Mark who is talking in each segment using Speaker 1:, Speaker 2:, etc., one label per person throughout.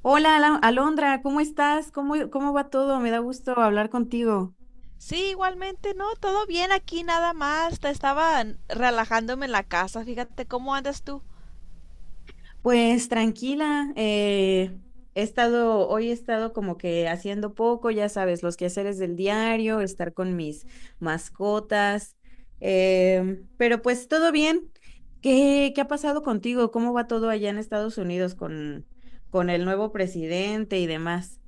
Speaker 1: Hola, Alondra, ¿cómo estás? ¿Cómo va todo? Me da gusto hablar contigo.
Speaker 2: Sí, igualmente, no, todo bien aquí nada más. Te estaba relajándome en la casa. Fíjate cómo andas tú.
Speaker 1: Pues tranquila, hoy he estado como que haciendo poco, ya sabes, los quehaceres del diario, estar con mis mascotas, pero pues todo bien. ¿Qué ha pasado contigo? ¿Cómo va todo allá en Estados Unidos con el nuevo presidente y demás?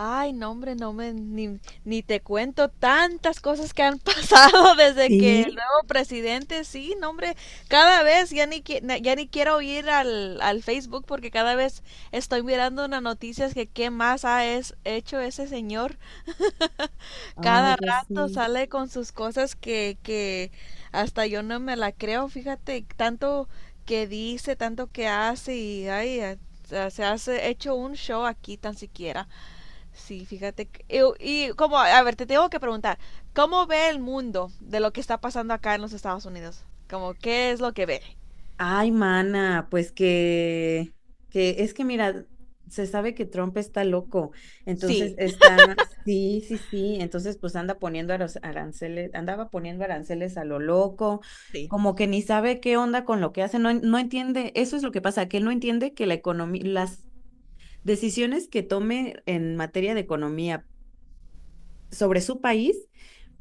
Speaker 2: Ay, no, hombre, no me ni te cuento tantas cosas que han pasado desde que el
Speaker 1: Sí.
Speaker 2: nuevo presidente, sí, no, hombre, cada vez ya ni quiero ir al Facebook, porque cada vez estoy mirando unas noticias que qué más ha hecho ese señor.
Speaker 1: Ay,
Speaker 2: Cada
Speaker 1: ya
Speaker 2: rato
Speaker 1: sé.
Speaker 2: sale con sus cosas que hasta yo no me la creo, fíjate, tanto que dice, tanto que hace y ay, se hace hecho un show aquí tan siquiera. Sí, fíjate. Y como, a ver, te tengo que preguntar, ¿cómo ve el mundo de lo que está pasando acá en los Estados Unidos? Como, ¿qué es lo que ve?
Speaker 1: Ay, mana, que es que mira, se sabe que Trump está loco, entonces
Speaker 2: Sí,
Speaker 1: está, sí, entonces pues anda poniendo aranceles, andaba poniendo aranceles a lo loco,
Speaker 2: sí,
Speaker 1: como que ni sabe qué onda con lo que hace, no, no entiende, eso es lo que pasa, que él no entiende que las decisiones que tome en materia de economía sobre su país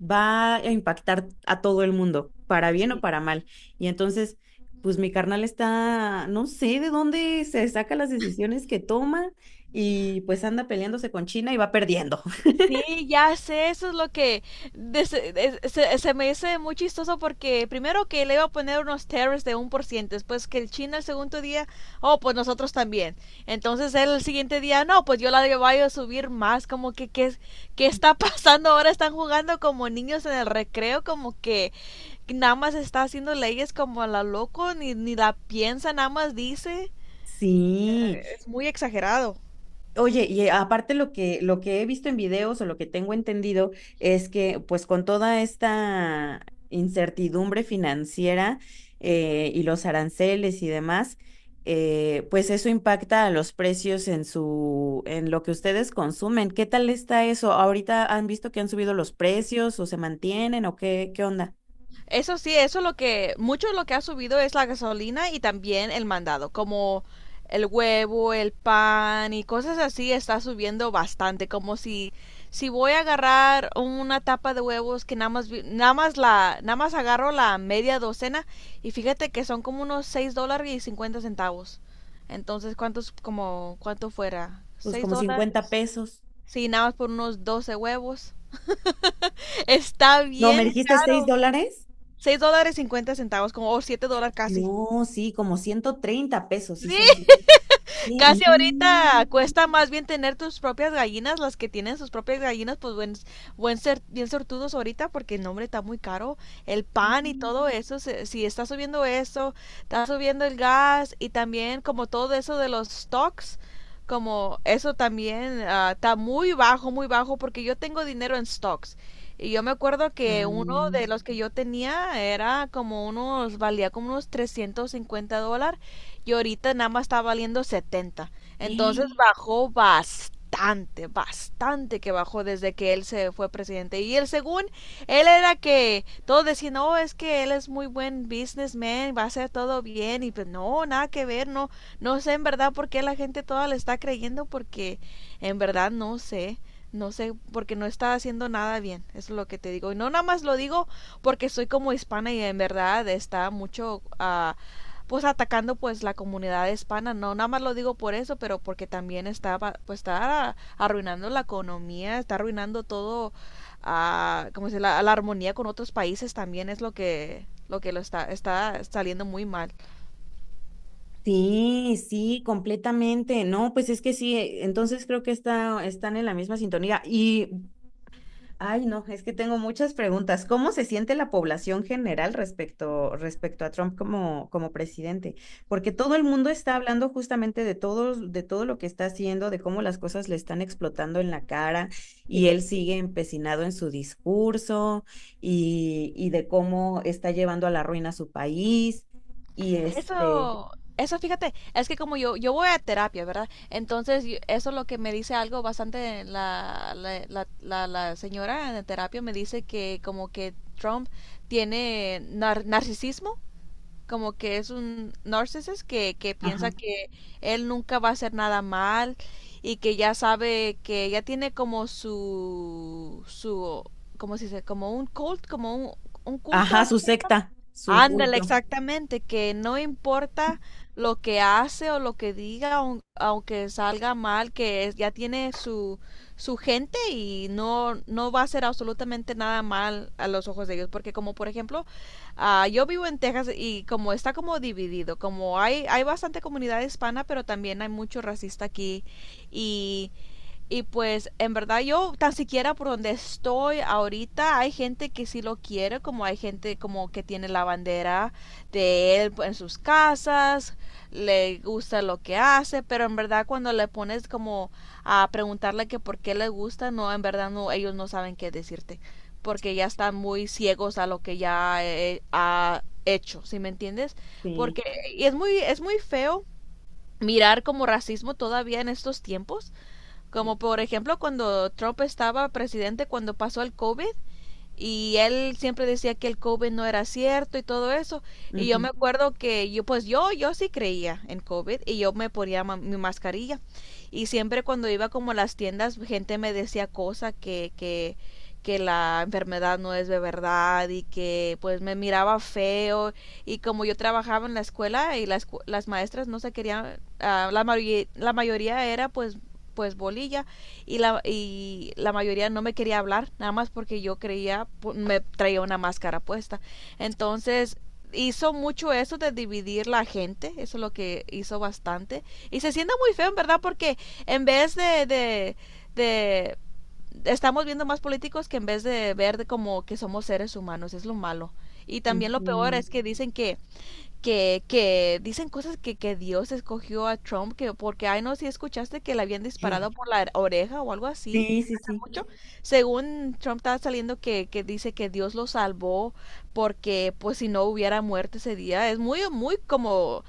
Speaker 1: va a impactar a todo el mundo, para bien o
Speaker 2: sí.
Speaker 1: para mal. Y entonces, pues mi carnal está, no sé de dónde se saca las decisiones que toma y pues anda peleándose con China y va perdiendo.
Speaker 2: Sí, ya sé, eso es lo que de- se, se me hace muy chistoso, porque primero que le iba a poner unos tariffs de 1%, después que el China el segundo día, oh, pues nosotros también. Entonces él el siguiente día, no, pues yo la voy a subir más, como que qué, qué está pasando ahora, están jugando como niños en el recreo, como que nada más está haciendo leyes como a la loco, ni la piensa, nada más dice.
Speaker 1: Sí.
Speaker 2: Es muy exagerado.
Speaker 1: Oye, y aparte lo que he visto en videos o lo que tengo entendido es que pues con toda esta incertidumbre financiera
Speaker 2: Sí.
Speaker 1: y los aranceles y demás, pues eso impacta a los precios en en lo que ustedes consumen. ¿Qué tal está eso? ¿Ahorita han visto que han subido los precios o se mantienen o qué onda?
Speaker 2: Eso sí, eso es lo que, mucho de lo que ha subido es la gasolina y también el mandado, como el huevo, el pan y cosas así está subiendo bastante. Como si voy a agarrar una tapa de huevos que nada más agarro la media docena y fíjate que son como unos $6.50. Entonces, ¿cuántos como cuánto fuera?
Speaker 1: Pues
Speaker 2: ¿Seis
Speaker 1: como cincuenta
Speaker 2: dólares?
Speaker 1: pesos.
Speaker 2: Sí, nada más por unos 12 huevos. Está
Speaker 1: No, ¿me
Speaker 2: bien
Speaker 1: dijiste 6
Speaker 2: caro,
Speaker 1: dólares?
Speaker 2: $6.50, como, o 7 dólares casi.
Speaker 1: No, sí, como 130 pesos, sí se
Speaker 2: Sí,
Speaker 1: mantiene.
Speaker 2: casi
Speaker 1: No.
Speaker 2: ahorita cuesta más bien tener tus propias gallinas. Las que tienen sus propias gallinas, pues buen, buen ser, bien sortudos ahorita, porque no, hombre, está muy caro. El pan y
Speaker 1: Mm.
Speaker 2: todo eso, si está subiendo eso, está subiendo el gas y también como todo eso de los stocks, como eso también está muy bajo, porque yo tengo dinero en stocks. Y yo me acuerdo que uno de
Speaker 1: Ah,
Speaker 2: los que yo tenía era como unos, valía como unos $350 y ahorita nada más está valiendo 70. Entonces
Speaker 1: sí,
Speaker 2: bajó bastante, bastante que bajó desde que él se fue presidente. Y él, según él, era que todos decían, no, es que él es muy buen businessman, va a hacer todo bien. Y pues no, nada que ver. No no sé en verdad por qué la gente toda le está creyendo, porque en verdad no sé, porque no está haciendo nada bien, eso es lo que te digo. Y no nada más lo digo porque soy como hispana y en verdad está mucho, pues, atacando pues la comunidad hispana. No nada más lo digo por eso, pero porque también está, pues está arruinando la economía, está arruinando todo a, como dice, armonía con otros países. También es lo que lo está saliendo muy mal.
Speaker 1: sí, completamente. No, pues es que sí, entonces creo que está, están en la misma sintonía. Y ay, no, es que tengo muchas preguntas. ¿Cómo se siente la población general respecto a Trump como presidente? Porque todo el mundo está hablando justamente de todo lo que está haciendo, de cómo las cosas le están explotando en la cara y
Speaker 2: Sí,
Speaker 1: él sigue empecinado en su discurso y de cómo está llevando a la ruina a su país y
Speaker 2: eso eso fíjate, es que como yo voy a terapia, verdad, entonces eso es lo que me dice algo bastante la señora en terapia. Me dice que como que Trump tiene narcisismo, como que es un narcisista que piensa
Speaker 1: ajá,
Speaker 2: que él nunca va a hacer nada mal y que ya sabe que ya tiene como su cómo se dice, como un un culto
Speaker 1: ajá,
Speaker 2: así.
Speaker 1: su secta, su
Speaker 2: Ándale,
Speaker 1: culto.
Speaker 2: exactamente, que no importa lo que hace o lo que diga, aunque salga mal, que ya tiene su, su gente y no, no va a hacer absolutamente nada mal a los ojos de ellos. Porque, como por ejemplo, ah, yo vivo en Texas y como está como dividido, como hay bastante comunidad hispana, pero también hay mucho racista aquí. Y pues en verdad yo tan siquiera por donde estoy ahorita hay gente que sí lo quiere, como hay gente como que tiene la bandera de él en sus casas, le gusta lo que hace, pero en verdad cuando le pones como a preguntarle que por qué le gusta, no, en verdad no, ellos no saben qué decirte, porque ya están muy ciegos a lo que ya, ha hecho, ¿sí me entiendes?
Speaker 1: Sí,
Speaker 2: Porque, y es muy feo mirar como racismo todavía en estos tiempos,
Speaker 1: sí.
Speaker 2: como por ejemplo, cuando Trump estaba presidente, cuando pasó el COVID, y él siempre decía que el COVID no era cierto y todo eso. Y yo me
Speaker 1: Ujú,
Speaker 2: acuerdo que yo, pues yo sí creía en COVID y yo me ponía mi mascarilla. Y siempre cuando iba como a las tiendas, gente me decía cosas que la enfermedad no es de verdad y que pues me miraba feo. Y como yo trabajaba en la escuela y las maestras no se querían, ah, la mayoría era, pues, bolilla, la mayoría no me quería hablar, nada más porque yo creía, me traía una máscara puesta. Entonces hizo mucho eso de dividir la gente, eso es lo que hizo bastante. Y se siente muy feo, en verdad, porque en vez de estamos viendo más políticos que, en vez de ver de como que somos seres humanos, es lo malo. Y también lo peor
Speaker 1: ujú.
Speaker 2: es que dicen que dicen cosas que Dios escogió a Trump, que porque, ay, no, si escuchaste que le habían disparado por la oreja o algo así,
Speaker 1: Sí, sí, sí.
Speaker 2: mucho. Según Trump, estaba saliendo que dice que Dios lo salvó porque, pues, si no hubiera muerto ese día. Es muy, muy como,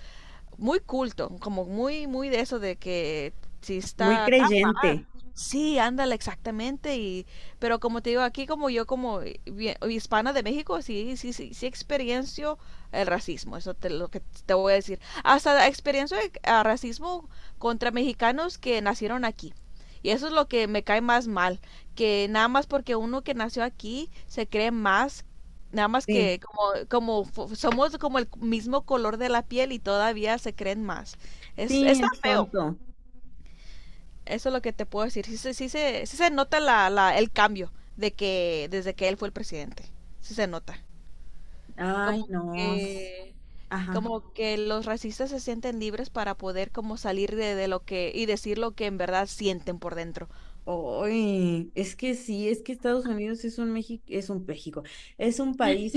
Speaker 2: muy culto, como muy, muy de eso de que si
Speaker 1: Muy
Speaker 2: está tan.
Speaker 1: creyente,
Speaker 2: Sí, ándale, exactamente. Y, pero como te digo, aquí, como yo como hispana de México, sí, sí, sí, sí experiencio el racismo, eso te lo que te voy a decir. Hasta experiencio el, ah, racismo contra mexicanos que nacieron aquí. Y eso es lo que me cae más mal, que nada más porque uno que nació aquí se cree más, nada más
Speaker 1: sí.
Speaker 2: que como, como somos como el mismo color de la piel y todavía se creen más. Es,
Speaker 1: Sí,
Speaker 2: está
Speaker 1: es
Speaker 2: feo.
Speaker 1: tonto.
Speaker 2: Eso es lo que te puedo decir. Sí, sí se nota el cambio de que desde que él fue el presidente. Sí se nota.
Speaker 1: Ay,
Speaker 2: Como
Speaker 1: no.
Speaker 2: que,
Speaker 1: Ajá.
Speaker 2: como que los racistas se sienten libres para poder como salir de lo que, y decir lo que en verdad sienten por dentro.
Speaker 1: Oy, es que sí, es que Estados Unidos es un México, es un México, es un país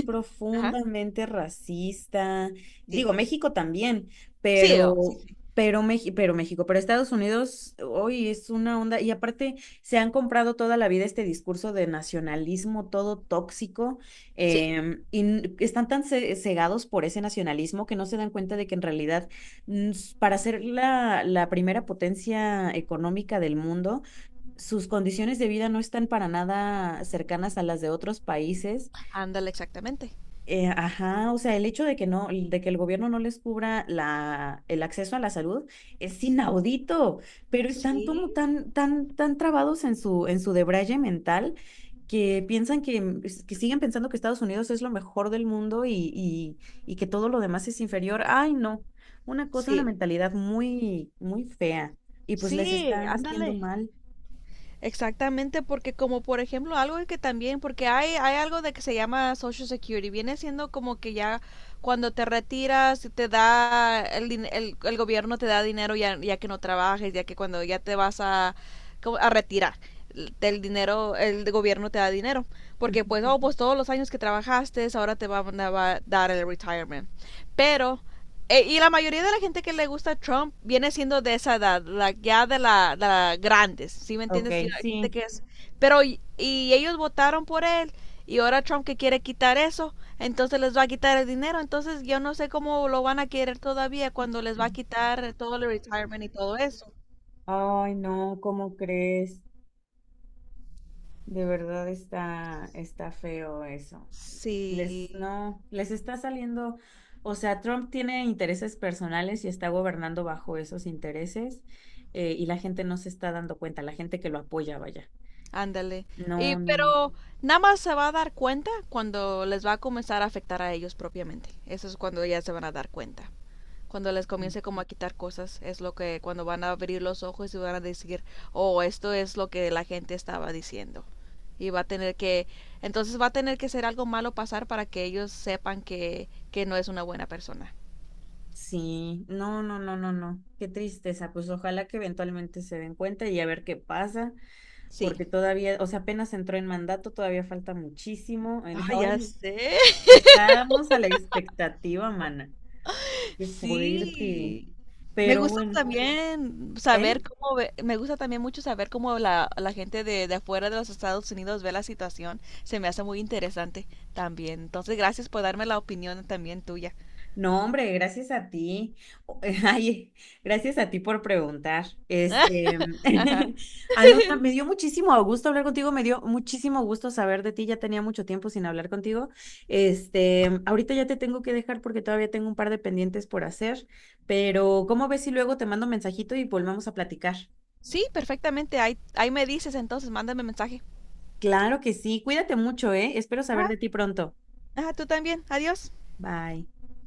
Speaker 2: Ajá.
Speaker 1: profundamente racista.
Speaker 2: Sí.
Speaker 1: Digo, México también,
Speaker 2: Sí,
Speaker 1: pero, pero México, pero Estados Unidos, hoy es una onda. Y aparte, se han comprado toda la vida este discurso de nacionalismo todo tóxico,
Speaker 2: sí.
Speaker 1: están tan cegados por ese nacionalismo que no se dan cuenta de que en realidad, para ser la primera potencia económica del mundo, sus condiciones de vida no están para nada cercanas a las de otros países.
Speaker 2: Ándale, exactamente.
Speaker 1: Ajá, o sea, el hecho de que no, de que el gobierno no les cubra el acceso a la salud es inaudito, pero están como
Speaker 2: Sí,
Speaker 1: tan trabados en en su debraye mental que piensan que siguen pensando que Estados Unidos es lo mejor del mundo y que todo lo demás es inferior. Ay, no, una cosa, una
Speaker 2: sí.
Speaker 1: mentalidad muy, muy fea y pues les
Speaker 2: Sí,
Speaker 1: está haciendo
Speaker 2: ándale.
Speaker 1: mal.
Speaker 2: Exactamente, porque como por ejemplo algo que también, porque hay algo de que se llama Social Security, viene siendo como que ya cuando te retiras te da, el gobierno te da dinero ya, que no trabajes, ya que cuando ya te vas a, como a retirar, el dinero, el gobierno te da dinero, porque
Speaker 1: Ujú.
Speaker 2: pues, oh, pues todos los años que trabajaste, ahora te van a dar el retirement. Pero, y la mayoría de la gente que le gusta a Trump viene siendo de esa edad, la, ya de la grandes, ¿sí me
Speaker 1: Ok,
Speaker 2: entiendes? Yo, hay gente
Speaker 1: sí.
Speaker 2: que es, pero y ellos votaron por él, y ahora Trump que quiere quitar eso, entonces les va a quitar el dinero. Entonces yo no sé cómo lo van a querer todavía cuando les va a quitar todo el retirement y todo eso.
Speaker 1: Ay, no, ¿cómo crees? De verdad está, está feo eso. Les,
Speaker 2: Sí,
Speaker 1: no, les está saliendo, o sea, Trump tiene intereses personales y está gobernando bajo esos intereses, y la gente no se está dando cuenta, la gente que lo apoya, vaya.
Speaker 2: ándale. Y
Speaker 1: No, no, no.
Speaker 2: pero nada más se va a dar cuenta cuando les va a comenzar a afectar a ellos propiamente. Eso es cuando ya se van a dar cuenta, cuando les comience como a quitar cosas, es lo que cuando van a abrir los ojos y van a decir, oh, esto es lo que la gente estaba diciendo. Y va a tener que, entonces va a tener que ser algo malo pasar para que ellos sepan que no es una buena persona.
Speaker 1: Sí, no. Qué tristeza. Pues ojalá que eventualmente se den cuenta y a ver qué pasa,
Speaker 2: Sí.
Speaker 1: porque todavía, o sea, apenas entró en mandato, todavía falta muchísimo.
Speaker 2: Ah,
Speaker 1: Ay,
Speaker 2: ya
Speaker 1: no.
Speaker 2: sé.
Speaker 1: Estábamos a la expectativa, mana. Qué fuerte.
Speaker 2: Sí. Me
Speaker 1: Pero
Speaker 2: gusta
Speaker 1: bueno,
Speaker 2: también
Speaker 1: ¿eh?
Speaker 2: saber cómo, me gusta también mucho saber cómo la gente de afuera de los Estados Unidos ve la situación. Se me hace muy interesante también. Entonces, gracias por darme la opinión también tuya.
Speaker 1: No, hombre, gracias a ti. O- Ay, gracias a ti por preguntar.
Speaker 2: Ajá.
Speaker 1: Alondra, me dio muchísimo gusto hablar contigo, me dio muchísimo gusto saber de ti. Ya tenía mucho tiempo sin hablar contigo. Este, ahorita ya te tengo que dejar porque todavía tengo un par de pendientes por hacer, pero ¿cómo ves si luego te mando un mensajito y volvemos a platicar?
Speaker 2: Sí, perfectamente. Ahí me dices entonces, mándame mensaje.
Speaker 1: Claro que sí. Cuídate mucho, ¿eh? Espero saber
Speaker 2: Ajá.
Speaker 1: de ti pronto.
Speaker 2: Ajá, tú también. Adiós.
Speaker 1: Bye.